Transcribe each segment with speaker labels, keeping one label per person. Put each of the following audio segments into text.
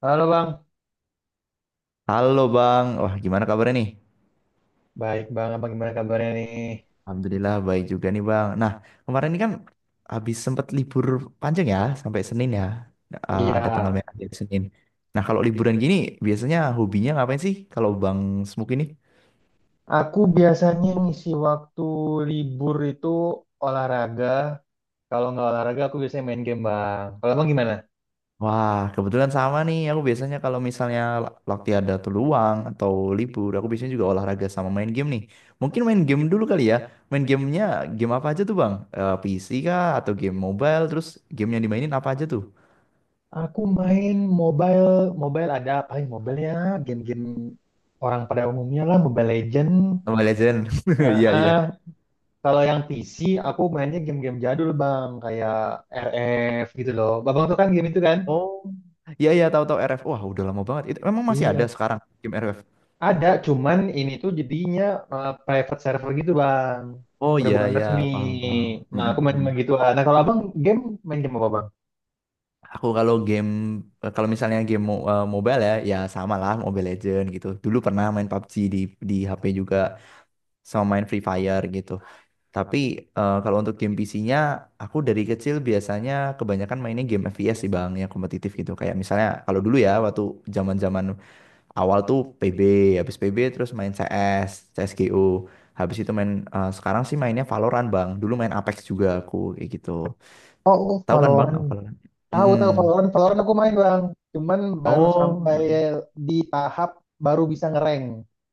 Speaker 1: Halo Bang,
Speaker 2: Halo Bang, wah gimana kabarnya nih?
Speaker 1: baik Bang, apa gimana kabarnya nih?
Speaker 2: Alhamdulillah baik juga nih Bang. Nah kemarin ini kan habis sempat libur panjang ya sampai Senin ya. Eh,
Speaker 1: Iya.
Speaker 2: ada tanggal merah di hari Senin. Nah kalau liburan gini biasanya hobinya ngapain sih kalau Bang Smuk ini?
Speaker 1: Aku biasanya ngisi waktu libur itu olahraga. Kalau nggak olahraga, aku biasanya main game Bang. Kalau Bang gimana?
Speaker 2: Wah kebetulan sama nih, aku biasanya kalau misalnya waktu ada tuh luang atau libur, aku biasanya juga olahraga sama main game nih. Mungkin main game dulu kali ya, main gamenya game apa aja tuh Bang? PC kah atau game mobile? Terus game yang dimainin apa aja tuh?
Speaker 1: Aku main mobile, mobile ada apa ya? Mobile ya, game-game orang pada umumnya lah, Mobile Legend.
Speaker 2: Mobile Legend.
Speaker 1: Eh,
Speaker 2: Iya,
Speaker 1: eh,
Speaker 2: iya.
Speaker 1: kalau yang P C, aku mainnya game-game jadul Bang, kayak R F gitu loh. Bang tuh kan game itu kan?
Speaker 2: Oh. Iya, iya, tahu-tahu RF. Wah, udah lama banget. Itu memang masih ada
Speaker 1: Iya.
Speaker 2: sekarang game RF.
Speaker 1: Ada, cuman ini tuh jadinya private server gitu bang.
Speaker 2: Oh
Speaker 1: Udah
Speaker 2: iya,
Speaker 1: bukan
Speaker 2: iya,
Speaker 1: resmi.
Speaker 2: paham, paham. Mm,
Speaker 1: Nah aku
Speaker 2: mm,
Speaker 1: main
Speaker 2: mm.
Speaker 1: main gitu. Nah kalau abang game main game apa bang?
Speaker 2: Aku kalau game, kalau misalnya game mobile ya, ya sama lah Mobile Legend gitu. Dulu pernah main PUBG di HP juga, sama main Free Fire gitu. Tapi kalau untuk game PC-nya, aku dari kecil biasanya kebanyakan mainnya game FPS sih bang, yang kompetitif gitu. Kayak misalnya kalau dulu ya, waktu zaman-zaman awal tuh PB, habis PB terus main CS, CSGO. Habis itu sekarang sih mainnya Valorant, Bang. Dulu main Apex juga aku kayak gitu.
Speaker 1: Oh, oh,
Speaker 2: Tahu kan, Bang,
Speaker 1: Valorant.
Speaker 2: Valorant?
Speaker 1: Tahu
Speaker 2: Mm-mm.
Speaker 1: tahu Valorant, Valorant aku main bang. Cuman baru
Speaker 2: Oh.
Speaker 1: sampai di tahap baru bisa ngerank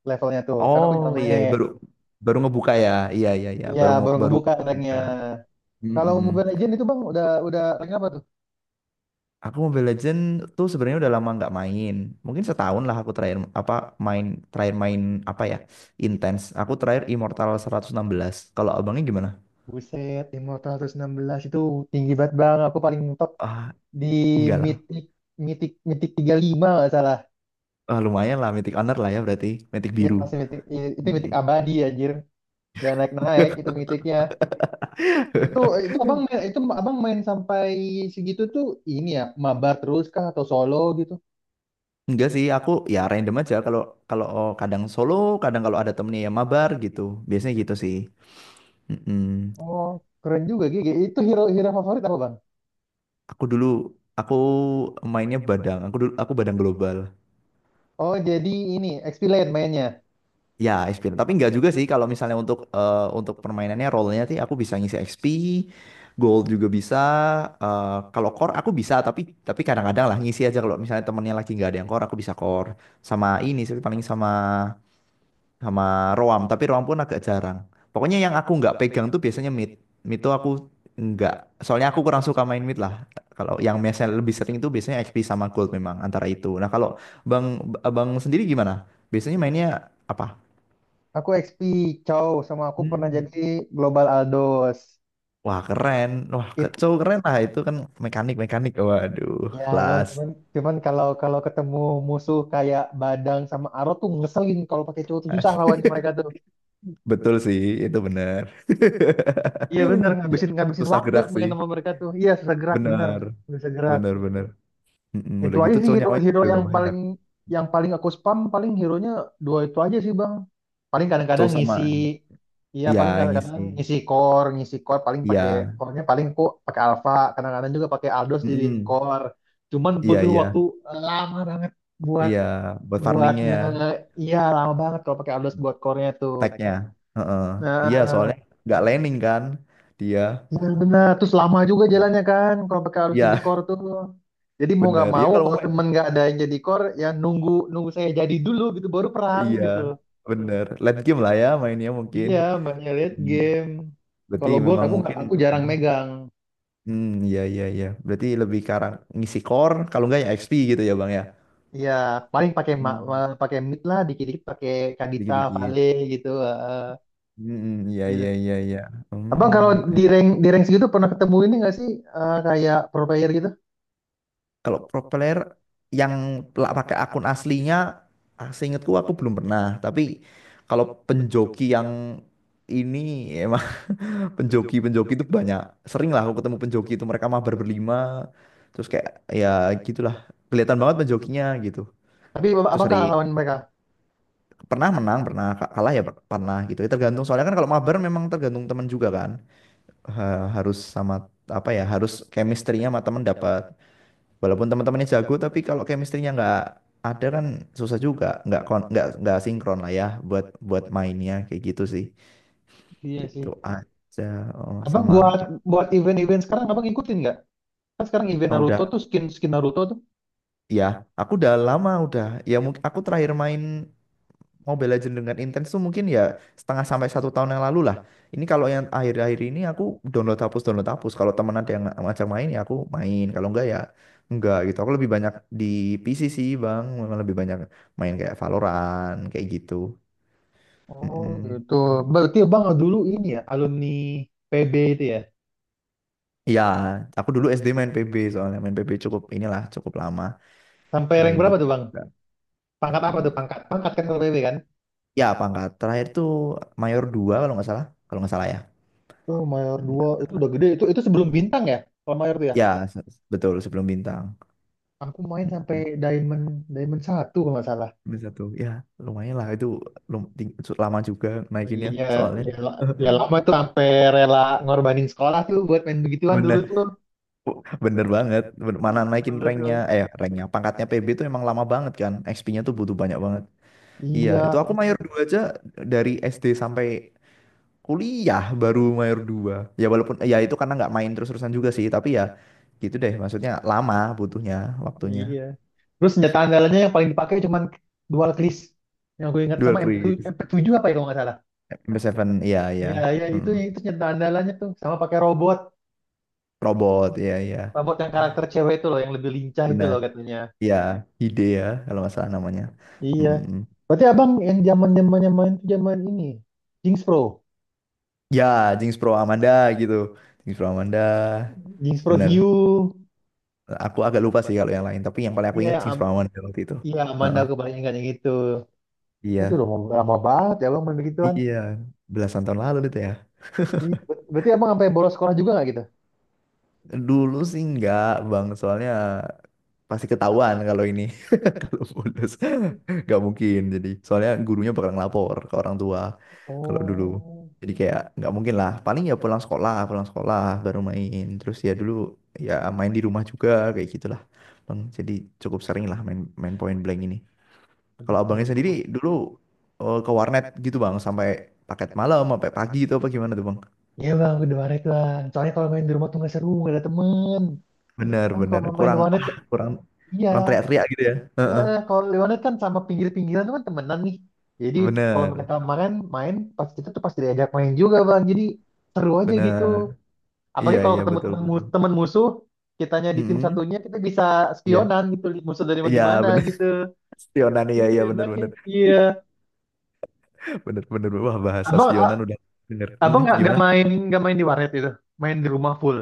Speaker 1: levelnya tuh. Karena aku
Speaker 2: Oh,
Speaker 1: jarang
Speaker 2: iya iya.
Speaker 1: main.
Speaker 2: baru baru ngebuka ya. Iya iya iya,
Speaker 1: Iya,
Speaker 2: baru mau
Speaker 1: baru
Speaker 2: baru
Speaker 1: ngebuka ranknya.
Speaker 2: buka.
Speaker 1: Kalau
Speaker 2: Mm-mm.
Speaker 1: Mobile Legends itu bang udah rank apa tuh?
Speaker 2: Aku Mobile Legend tuh sebenarnya udah lama nggak main. Mungkin setahun lah aku main terakhir main apa ya? Intens. Aku terakhir Immortal 116. Kalau abangnya gimana?
Speaker 1: Buset, 516 itu tinggi banget bang. Aku paling top
Speaker 2: Ah,
Speaker 1: di
Speaker 2: enggak.
Speaker 1: mitik mitik mitik 35 nggak salah,
Speaker 2: Ah, lumayan lah, Mythic Honor lah ya berarti, Mythic
Speaker 1: ya
Speaker 2: biru.
Speaker 1: masih mitik, itu mitik
Speaker 2: Mm.
Speaker 1: abadi anjir, nggak naik naik itu mitiknya. itu itu abang main sampai segitu tuh, ini ya mabar terus kah atau solo gitu?
Speaker 2: Enggak sih, aku ya random aja kalau kalau oh, kadang solo, kadang kalau ada temennya yang mabar gitu. Biasanya gitu sih. Mm-mm.
Speaker 1: Oh keren juga Gigi, itu hero hero favorit apa bang?
Speaker 2: Aku dulu aku mainnya badang. Aku dulu badang global.
Speaker 1: Oh jadi ini XP lane mainnya.
Speaker 2: Ya, XP. Tapi nggak juga sih kalau misalnya untuk permainannya role-nya sih aku bisa ngisi XP, gold juga bisa. eh, kalau core aku bisa, tapi kadang-kadang lah ngisi aja kalau misalnya temennya lagi nggak ada yang core, aku bisa core, sama ini sih paling sama sama roam, tapi roam pun agak jarang. Pokoknya yang aku nggak pegang tuh biasanya mid. Mid tuh aku nggak, soalnya aku kurang suka main mid lah. Kalau yang biasanya lebih sering itu biasanya XP sama gold, memang antara itu. Nah, kalau Bang Bang sendiri gimana? Biasanya mainnya apa?
Speaker 1: Aku XP Chow, sama aku pernah
Speaker 2: Hmm.
Speaker 1: jadi Global Aldos
Speaker 2: Wah keren,
Speaker 1: it
Speaker 2: cowok keren lah itu kan, mekanik mekanik, waduh
Speaker 1: Ya bang,
Speaker 2: kelas.
Speaker 1: cuman cuman kalau kalau ketemu musuh kayak Badang sama Aro tuh ngeselin, kalau pakai cowok tuh susah lawannya mereka tuh.
Speaker 2: Betul sih, itu benar.
Speaker 1: Iya bener,
Speaker 2: Ya,
Speaker 1: ngabisin ngabisin
Speaker 2: susah
Speaker 1: waktu
Speaker 2: gerak sih,
Speaker 1: main sama mereka tuh. Iya susah gerak bener,
Speaker 2: benar,
Speaker 1: nggak bisa gerak.
Speaker 2: benar, benar. Mm-mm,
Speaker 1: Itu
Speaker 2: udah
Speaker 1: aja
Speaker 2: gitu
Speaker 1: sih
Speaker 2: cowok
Speaker 1: hero
Speaker 2: nyawanya
Speaker 1: hero
Speaker 2: juga
Speaker 1: yang
Speaker 2: gak banyak.
Speaker 1: paling yang paling aku spam, paling hero-nya dua itu aja sih bang. Paling kadang-kadang
Speaker 2: Cowok sama,
Speaker 1: ngisi, iya
Speaker 2: ya
Speaker 1: paling kadang-kadang
Speaker 2: ngisi,
Speaker 1: ngisi core paling pakai,
Speaker 2: iya,
Speaker 1: core-nya paling aku pakai Alpha, kadang-kadang juga pakai Aldos jadiin
Speaker 2: mm-mm,
Speaker 1: core. Cuman
Speaker 2: iya,
Speaker 1: butuh waktu
Speaker 2: iya,
Speaker 1: lama banget buat
Speaker 2: iya, buat
Speaker 1: buat
Speaker 2: farmingnya
Speaker 1: nge
Speaker 2: ya,
Speaker 1: Iya, lama banget kalau pakai ardos buat core-nya tuh.
Speaker 2: tagnya. Heeh. Iya,
Speaker 1: Nah,
Speaker 2: soalnya nggak landing kan dia.
Speaker 1: benar benar. Terus lama juga jalannya kan kalau pakai ardos jadi
Speaker 2: Iya,
Speaker 1: core tuh. Jadi mau nggak
Speaker 2: benar. Ya
Speaker 1: mau
Speaker 2: kalau
Speaker 1: kalau
Speaker 2: mau,
Speaker 1: temen nggak ada yang jadi core ya nunggu nunggu saya jadi dulu gitu baru perang
Speaker 2: iya,
Speaker 1: gitu.
Speaker 2: bener. Late game lah ya mainnya mungkin.
Speaker 1: Iya, makanya lihat
Speaker 2: Hmm.
Speaker 1: game.
Speaker 2: Berarti
Speaker 1: Kalau gold
Speaker 2: memang
Speaker 1: aku, nggak,
Speaker 2: mungkin.
Speaker 1: aku jarang megang.
Speaker 2: Hmm, iya iya iya. Berarti lebih ke arah ngisi core, kalau enggak ya XP gitu ya Bang ya.
Speaker 1: Iya, paling pakai
Speaker 2: Hmm,
Speaker 1: pakai mid lah, dikit-dikit pakai Kadita,
Speaker 2: dikit-dikit.
Speaker 1: Vale gitu.
Speaker 2: Hmm, iya
Speaker 1: Gitu.
Speaker 2: iya iya iya.
Speaker 1: Abang kalau di
Speaker 2: Hmm.
Speaker 1: rank di rank segitu pernah ketemu ini nggak sih, kayak pro player gitu?
Speaker 2: Kalau pro player yang pakai akun aslinya, seingatku aku belum pernah. Tapi kalau penjoki yang ini ya, penjoki penjoki itu banyak, sering lah aku ketemu penjoki itu, mereka mabar berlima terus kayak ya gitulah, kelihatan banget penjokinya gitu,
Speaker 1: Tapi
Speaker 2: itu
Speaker 1: abang
Speaker 2: sering.
Speaker 1: kalah lawan mereka.
Speaker 2: Pernah menang, pernah kalah ya, pernah gitu ya, tergantung, soalnya kan kalau mabar memang tergantung teman juga kan. Harus sama apa ya, harus chemistry-nya sama teman dapat, walaupun teman-temannya jago tapi kalau chemistry-nya nggak ada kan susah juga, nggak nggak sinkron lah ya, buat buat mainnya kayak gitu sih,
Speaker 1: Iya
Speaker 2: gitu
Speaker 1: sih.
Speaker 2: aja. Oh,
Speaker 1: Abang
Speaker 2: sama.
Speaker 1: buat buat event-event sekarang abang ikutin nggak? Kan sekarang event
Speaker 2: Oh,
Speaker 1: Naruto
Speaker 2: udah.
Speaker 1: tuh, skin skin Naruto tuh.
Speaker 2: Ya, aku udah lama udah. Ya mungkin aku terakhir main Mobile Legends dengan intens tuh mungkin ya setengah sampai satu tahun yang lalu lah. Ini kalau yang akhir-akhir ini aku download hapus download hapus. Kalau teman ada yang ngajak main ya aku main. Kalau enggak ya enggak gitu. Aku lebih banyak di PC sih bang. Memang lebih banyak main kayak Valorant kayak gitu.
Speaker 1: Oh
Speaker 2: Mm-mm.
Speaker 1: gitu. Berarti abang dulu ini ya alumni PB itu ya.
Speaker 2: Ya, aku dulu SD main PB, soalnya main PB cukup inilah cukup lama
Speaker 1: Sampai rank
Speaker 2: grinding.
Speaker 1: berapa tuh bang? Pangkat apa tuh pangkat? Pangkat kan kalau PB kan?
Speaker 2: Ya, pangkat terakhir tuh Mayor 2 kalau nggak salah ya.
Speaker 1: Oh mayor 2 itu udah gede, itu sebelum bintang ya? Kalau mayor tuh ya.
Speaker 2: Ya, se- betul sebelum bintang.
Speaker 1: Aku main sampai
Speaker 2: Mm-mm.
Speaker 1: diamond diamond satu kalau nggak salah.
Speaker 2: Bintang Satu. Ya, lumayan lah itu, lama juga naikinnya
Speaker 1: Iya,
Speaker 2: soalnya.
Speaker 1: ya, ya lama tuh, sampai rela ngorbanin sekolah tuh buat main begituan dulu
Speaker 2: Bener,
Speaker 1: tuh.
Speaker 2: bener banget. Mana naikin
Speaker 1: Bener,
Speaker 2: ranknya,
Speaker 1: tuh.
Speaker 2: ranknya, pangkatnya PB itu emang lama banget kan. XP-nya tuh butuh banyak banget. Iya, itu
Speaker 1: Iya,
Speaker 2: aku mayor 2 aja dari SD sampai kuliah baru mayor dua. Ya walaupun, ya itu karena nggak main terus-terusan juga sih. Tapi ya gitu deh, maksudnya lama butuhnya, waktunya.
Speaker 1: iya. Terus senjata andalannya yang paling dipakai cuman dual cris. Yang gue ingat sama
Speaker 2: Dual
Speaker 1: MP7,
Speaker 2: Chris,
Speaker 1: MP7 apa ya kalau nggak salah.
Speaker 2: m 7, iya, iya.
Speaker 1: Iya, iya itu senjata andalannya tuh, sama pakai robot,
Speaker 2: Robot, iya iya,
Speaker 1: robot yang karakter cewek itu loh yang lebih lincah itu
Speaker 2: benar.
Speaker 1: loh katanya.
Speaker 2: Iya, ide ya kalau masalah namanya.
Speaker 1: Iya.
Speaker 2: Mm.
Speaker 1: Berarti abang yang zaman zamannya main tuh zaman ini, Jinx Pro,
Speaker 2: Ya, Jinx Pro Amanda gitu. Jinx Pro Amanda,
Speaker 1: Jinx Pro
Speaker 2: bener.
Speaker 1: Hue.
Speaker 2: Aku agak lupa sih kalau yang lain, tapi yang paling aku
Speaker 1: Iya,
Speaker 2: ingat Jinx Pro Amanda waktu itu.
Speaker 1: iya, Amanda
Speaker 2: Heeh,
Speaker 1: aku paling ingat yang itu. Terus
Speaker 2: iya,
Speaker 1: udah lama, lama banget ya abang main begituan.
Speaker 2: iya, belasan tahun lalu itu ya.
Speaker 1: Iya, berarti abang sampai bolos sekolah juga nggak gitu?
Speaker 2: Dulu sih enggak, Bang, soalnya pasti ketahuan kalau ini. Kalau bolos nggak mungkin. Jadi soalnya gurunya bakal ngelapor ke orang tua kalau dulu.
Speaker 1: Oh,
Speaker 2: Jadi kayak nggak mungkin lah. Paling ya pulang sekolah baru main. Terus ya dulu ya main di rumah juga kayak gitulah. Bang, jadi cukup sering lah main main point blank ini. Kalau
Speaker 1: aduh, main
Speaker 2: abangnya
Speaker 1: di
Speaker 2: sendiri
Speaker 1: rumah.
Speaker 2: dulu ke warnet gitu bang, sampai paket malam sampai pagi itu, apa gimana tuh bang?
Speaker 1: Iya bang, udah warnet bang. Soalnya kalau main di rumah tuh nggak seru, nggak ada temen.
Speaker 2: Bener
Speaker 1: Kan
Speaker 2: bener
Speaker 1: kalau main di
Speaker 2: kurang,
Speaker 1: warnet,
Speaker 2: wah, kurang
Speaker 1: iya.
Speaker 2: kurang teriak-teriak gitu ya. Heeh.
Speaker 1: Kalau di warnet kan sama pinggir-pinggiran tuh kan temenan nih. Jadi kalau mereka
Speaker 2: Bener
Speaker 1: kemarin main, pas kita tuh pasti diajak main juga bang. Jadi seru aja gitu.
Speaker 2: bener,
Speaker 1: Apalagi
Speaker 2: iya
Speaker 1: kalau
Speaker 2: iya,
Speaker 1: ketemu
Speaker 2: betul
Speaker 1: temen,
Speaker 2: betul.
Speaker 1: temen musuh, kitanya di tim
Speaker 2: Mm-mm.
Speaker 1: satunya, kita bisa
Speaker 2: Iya,
Speaker 1: spionan gitu. Musuh dari mana
Speaker 2: iya
Speaker 1: di mana
Speaker 2: bener.
Speaker 1: gitu.
Speaker 2: Spionan, iya
Speaker 1: Itu
Speaker 2: iya, bener
Speaker 1: enaknya.
Speaker 2: bener
Speaker 1: Iya.
Speaker 2: bener bener. Wah, bahasa
Speaker 1: Abang,
Speaker 2: spionan udah bener.
Speaker 1: abang
Speaker 2: Mm,
Speaker 1: nggak
Speaker 2: gimana,
Speaker 1: main, nggak main di warnet itu. Main di rumah full.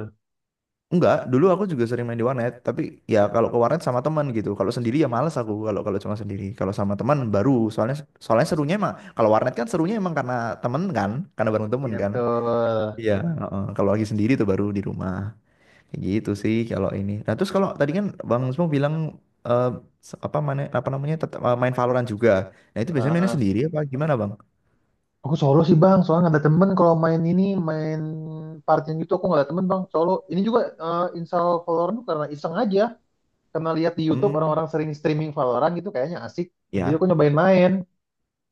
Speaker 2: enggak. Dulu aku juga sering main di warnet, tapi ya kalau ke warnet sama teman gitu. Kalau sendiri ya males aku, kalau kalau cuma sendiri, kalau sama teman baru, soalnya soalnya serunya emang kalau warnet kan, serunya emang karena temen kan, karena bareng temen
Speaker 1: Iya
Speaker 2: kan.
Speaker 1: betul.
Speaker 2: Iya, heeh. Kalau lagi sendiri tuh baru di rumah. Kayak gitu sih kalau ini. Nah terus kalau tadi kan Bang Smo bilang eh, apa, mana, apa namanya, tetap main Valorant juga, nah itu biasanya mainnya
Speaker 1: Heeh.
Speaker 2: sendiri apa gimana Bang?
Speaker 1: Aku solo sih bang, soalnya nggak ada temen kalau main ini, main partian gitu aku nggak ada temen bang, solo. Ini juga install Valorant tuh karena iseng aja, karena lihat di YouTube
Speaker 2: Hmm.
Speaker 1: orang-orang sering streaming Valorant gitu kayaknya asik. Jadi
Speaker 2: Ya,
Speaker 1: aku nyobain main,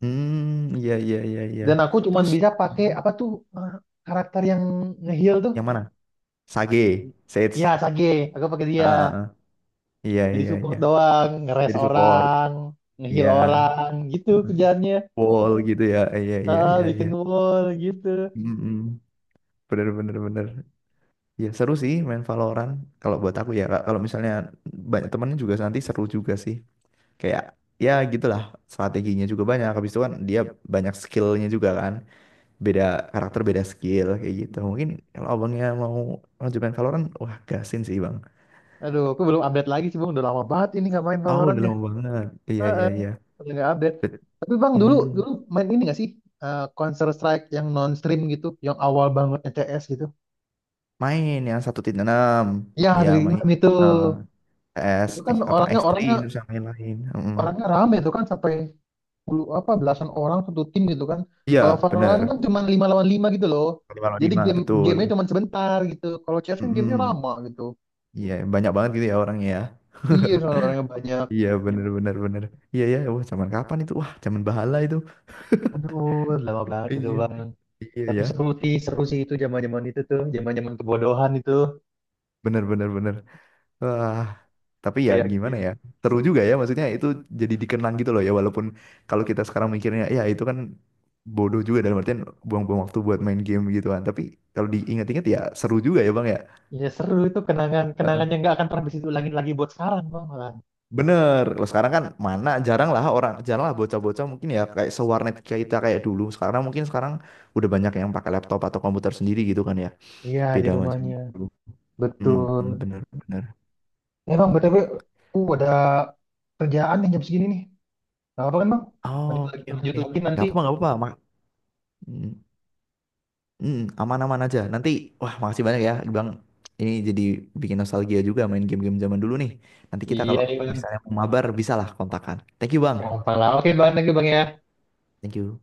Speaker 2: hmm, iya iya iya iya.
Speaker 1: dan aku cuman
Speaker 2: Terus
Speaker 1: bisa pakai
Speaker 2: hmm.
Speaker 1: apa tuh, eh, karakter yang nge heal tuh.
Speaker 2: Yang mana? Sage,
Speaker 1: Ya
Speaker 2: Sage.
Speaker 1: Sage, aku pakai
Speaker 2: Ah,
Speaker 1: dia.
Speaker 2: ah, ah. Iya
Speaker 1: Jadi
Speaker 2: iya
Speaker 1: support
Speaker 2: iya.
Speaker 1: doang,
Speaker 2: Ah,
Speaker 1: ngeres
Speaker 2: jadi support.
Speaker 1: orang, nge heal
Speaker 2: Iya.
Speaker 1: orang gitu kerjaannya.
Speaker 2: Wall gitu ya. Iya iya
Speaker 1: Ah,
Speaker 2: iya
Speaker 1: bikin
Speaker 2: iya.
Speaker 1: wall gitu.
Speaker 2: Mm-mm. Bener bener bener. Ya seru sih main Valorant. Kalau buat aku ya Kak. Kalau misalnya banyak temennya juga nanti seru juga sih. Kayak ya gitulah, strateginya juga banyak. Habis itu kan dia banyak skillnya juga kan, beda karakter beda skill kayak gitu. Mungkin kalau abangnya mau lanjutkan Valorant, wah gasin sih bang.
Speaker 1: Aduh, aku belum update lagi sih bang, udah lama banget ini nggak main
Speaker 2: Oh
Speaker 1: Valorant.
Speaker 2: udah lama banget, iya iya
Speaker 1: Heeh,
Speaker 2: iya.
Speaker 1: paling nggak update.
Speaker 2: Bet-
Speaker 1: Tapi bang dulu
Speaker 2: hmm,
Speaker 1: dulu main ini nggak sih, Counter Strike yang non stream gitu, yang awal banget CS gitu?
Speaker 2: main yang 1.6.
Speaker 1: Ya
Speaker 2: Iya
Speaker 1: dari
Speaker 2: main
Speaker 1: enam itu,
Speaker 2: eh S,
Speaker 1: kan
Speaker 2: apa,
Speaker 1: orangnya orangnya
Speaker 2: X3 itu sama yang lain. Mm-mm.
Speaker 1: orangnya rame tuh kan, sampai puluh apa belasan orang satu tim gitu kan.
Speaker 2: Iya
Speaker 1: Kalau
Speaker 2: bener,
Speaker 1: Valorant kan cuma lima lawan lima gitu loh.
Speaker 2: lima nol
Speaker 1: Jadi
Speaker 2: lima,
Speaker 1: game
Speaker 2: betul.
Speaker 1: gamenya cuma sebentar gitu. Kalau CS kan gamenya
Speaker 2: Mm-mm.
Speaker 1: lama gitu.
Speaker 2: Iya banyak banget gitu ya orangnya ya.
Speaker 1: Iya, soalnya orangnya banyak.
Speaker 2: Iya bener bener bener. Iya ya. Wah zaman kapan itu, wah zaman bahala itu.
Speaker 1: Aduh, lama banget itu
Speaker 2: Iya.
Speaker 1: bang.
Speaker 2: Iya
Speaker 1: Tapi
Speaker 2: ya.
Speaker 1: seru sih itu zaman-zaman itu tuh, zaman-zaman kebodohan itu,
Speaker 2: Bener bener bener. Wah. Tapi ya
Speaker 1: kayak
Speaker 2: gimana
Speaker 1: game.
Speaker 2: ya, seru juga ya maksudnya itu, jadi dikenang gitu loh ya. Walaupun kalau kita sekarang mikirnya ya itu kan bodoh juga, dalam artian buang-buang waktu buat main game gitu kan. Tapi kalau diingat-ingat ya seru juga ya Bang ya.
Speaker 1: Iya seru, itu kenangan
Speaker 2: Heeh.
Speaker 1: kenangan yang nggak akan pernah bisa diulangin lagi buat sekarang bang malah.
Speaker 2: Bener, kalau sekarang kan mana jarang lah orang, jarang lah bocah-bocah mungkin ya kayak sewarnet kayak kita kayak dulu. Sekarang mungkin sekarang udah banyak yang pakai laptop atau komputer sendiri gitu kan ya.
Speaker 1: Iya di
Speaker 2: Beda macam
Speaker 1: rumahnya
Speaker 2: dulu.
Speaker 1: betul.
Speaker 2: Hmm, bener, bener.
Speaker 1: Eh bang, btw aku ada kerjaan nih jam segini nih. Gak apa kan bang?
Speaker 2: Oh, oke,
Speaker 1: Lanjut
Speaker 2: oke.
Speaker 1: lagi
Speaker 2: Nggak
Speaker 1: nanti.
Speaker 2: apa-apa, nggak apa-apa. Mak. Mm, aman-aman aja. Nanti, wah makasih banyak ya, Bang. Ini jadi bikin nostalgia juga main game-game zaman dulu nih. Nanti kita
Speaker 1: Iya
Speaker 2: kalau
Speaker 1: iya, bang.
Speaker 2: misalnya mau mabar, bisa lah kontakan. Thank you, Bang.
Speaker 1: Gampang lah. Oke bang, lagi bang ya.
Speaker 2: Thank you.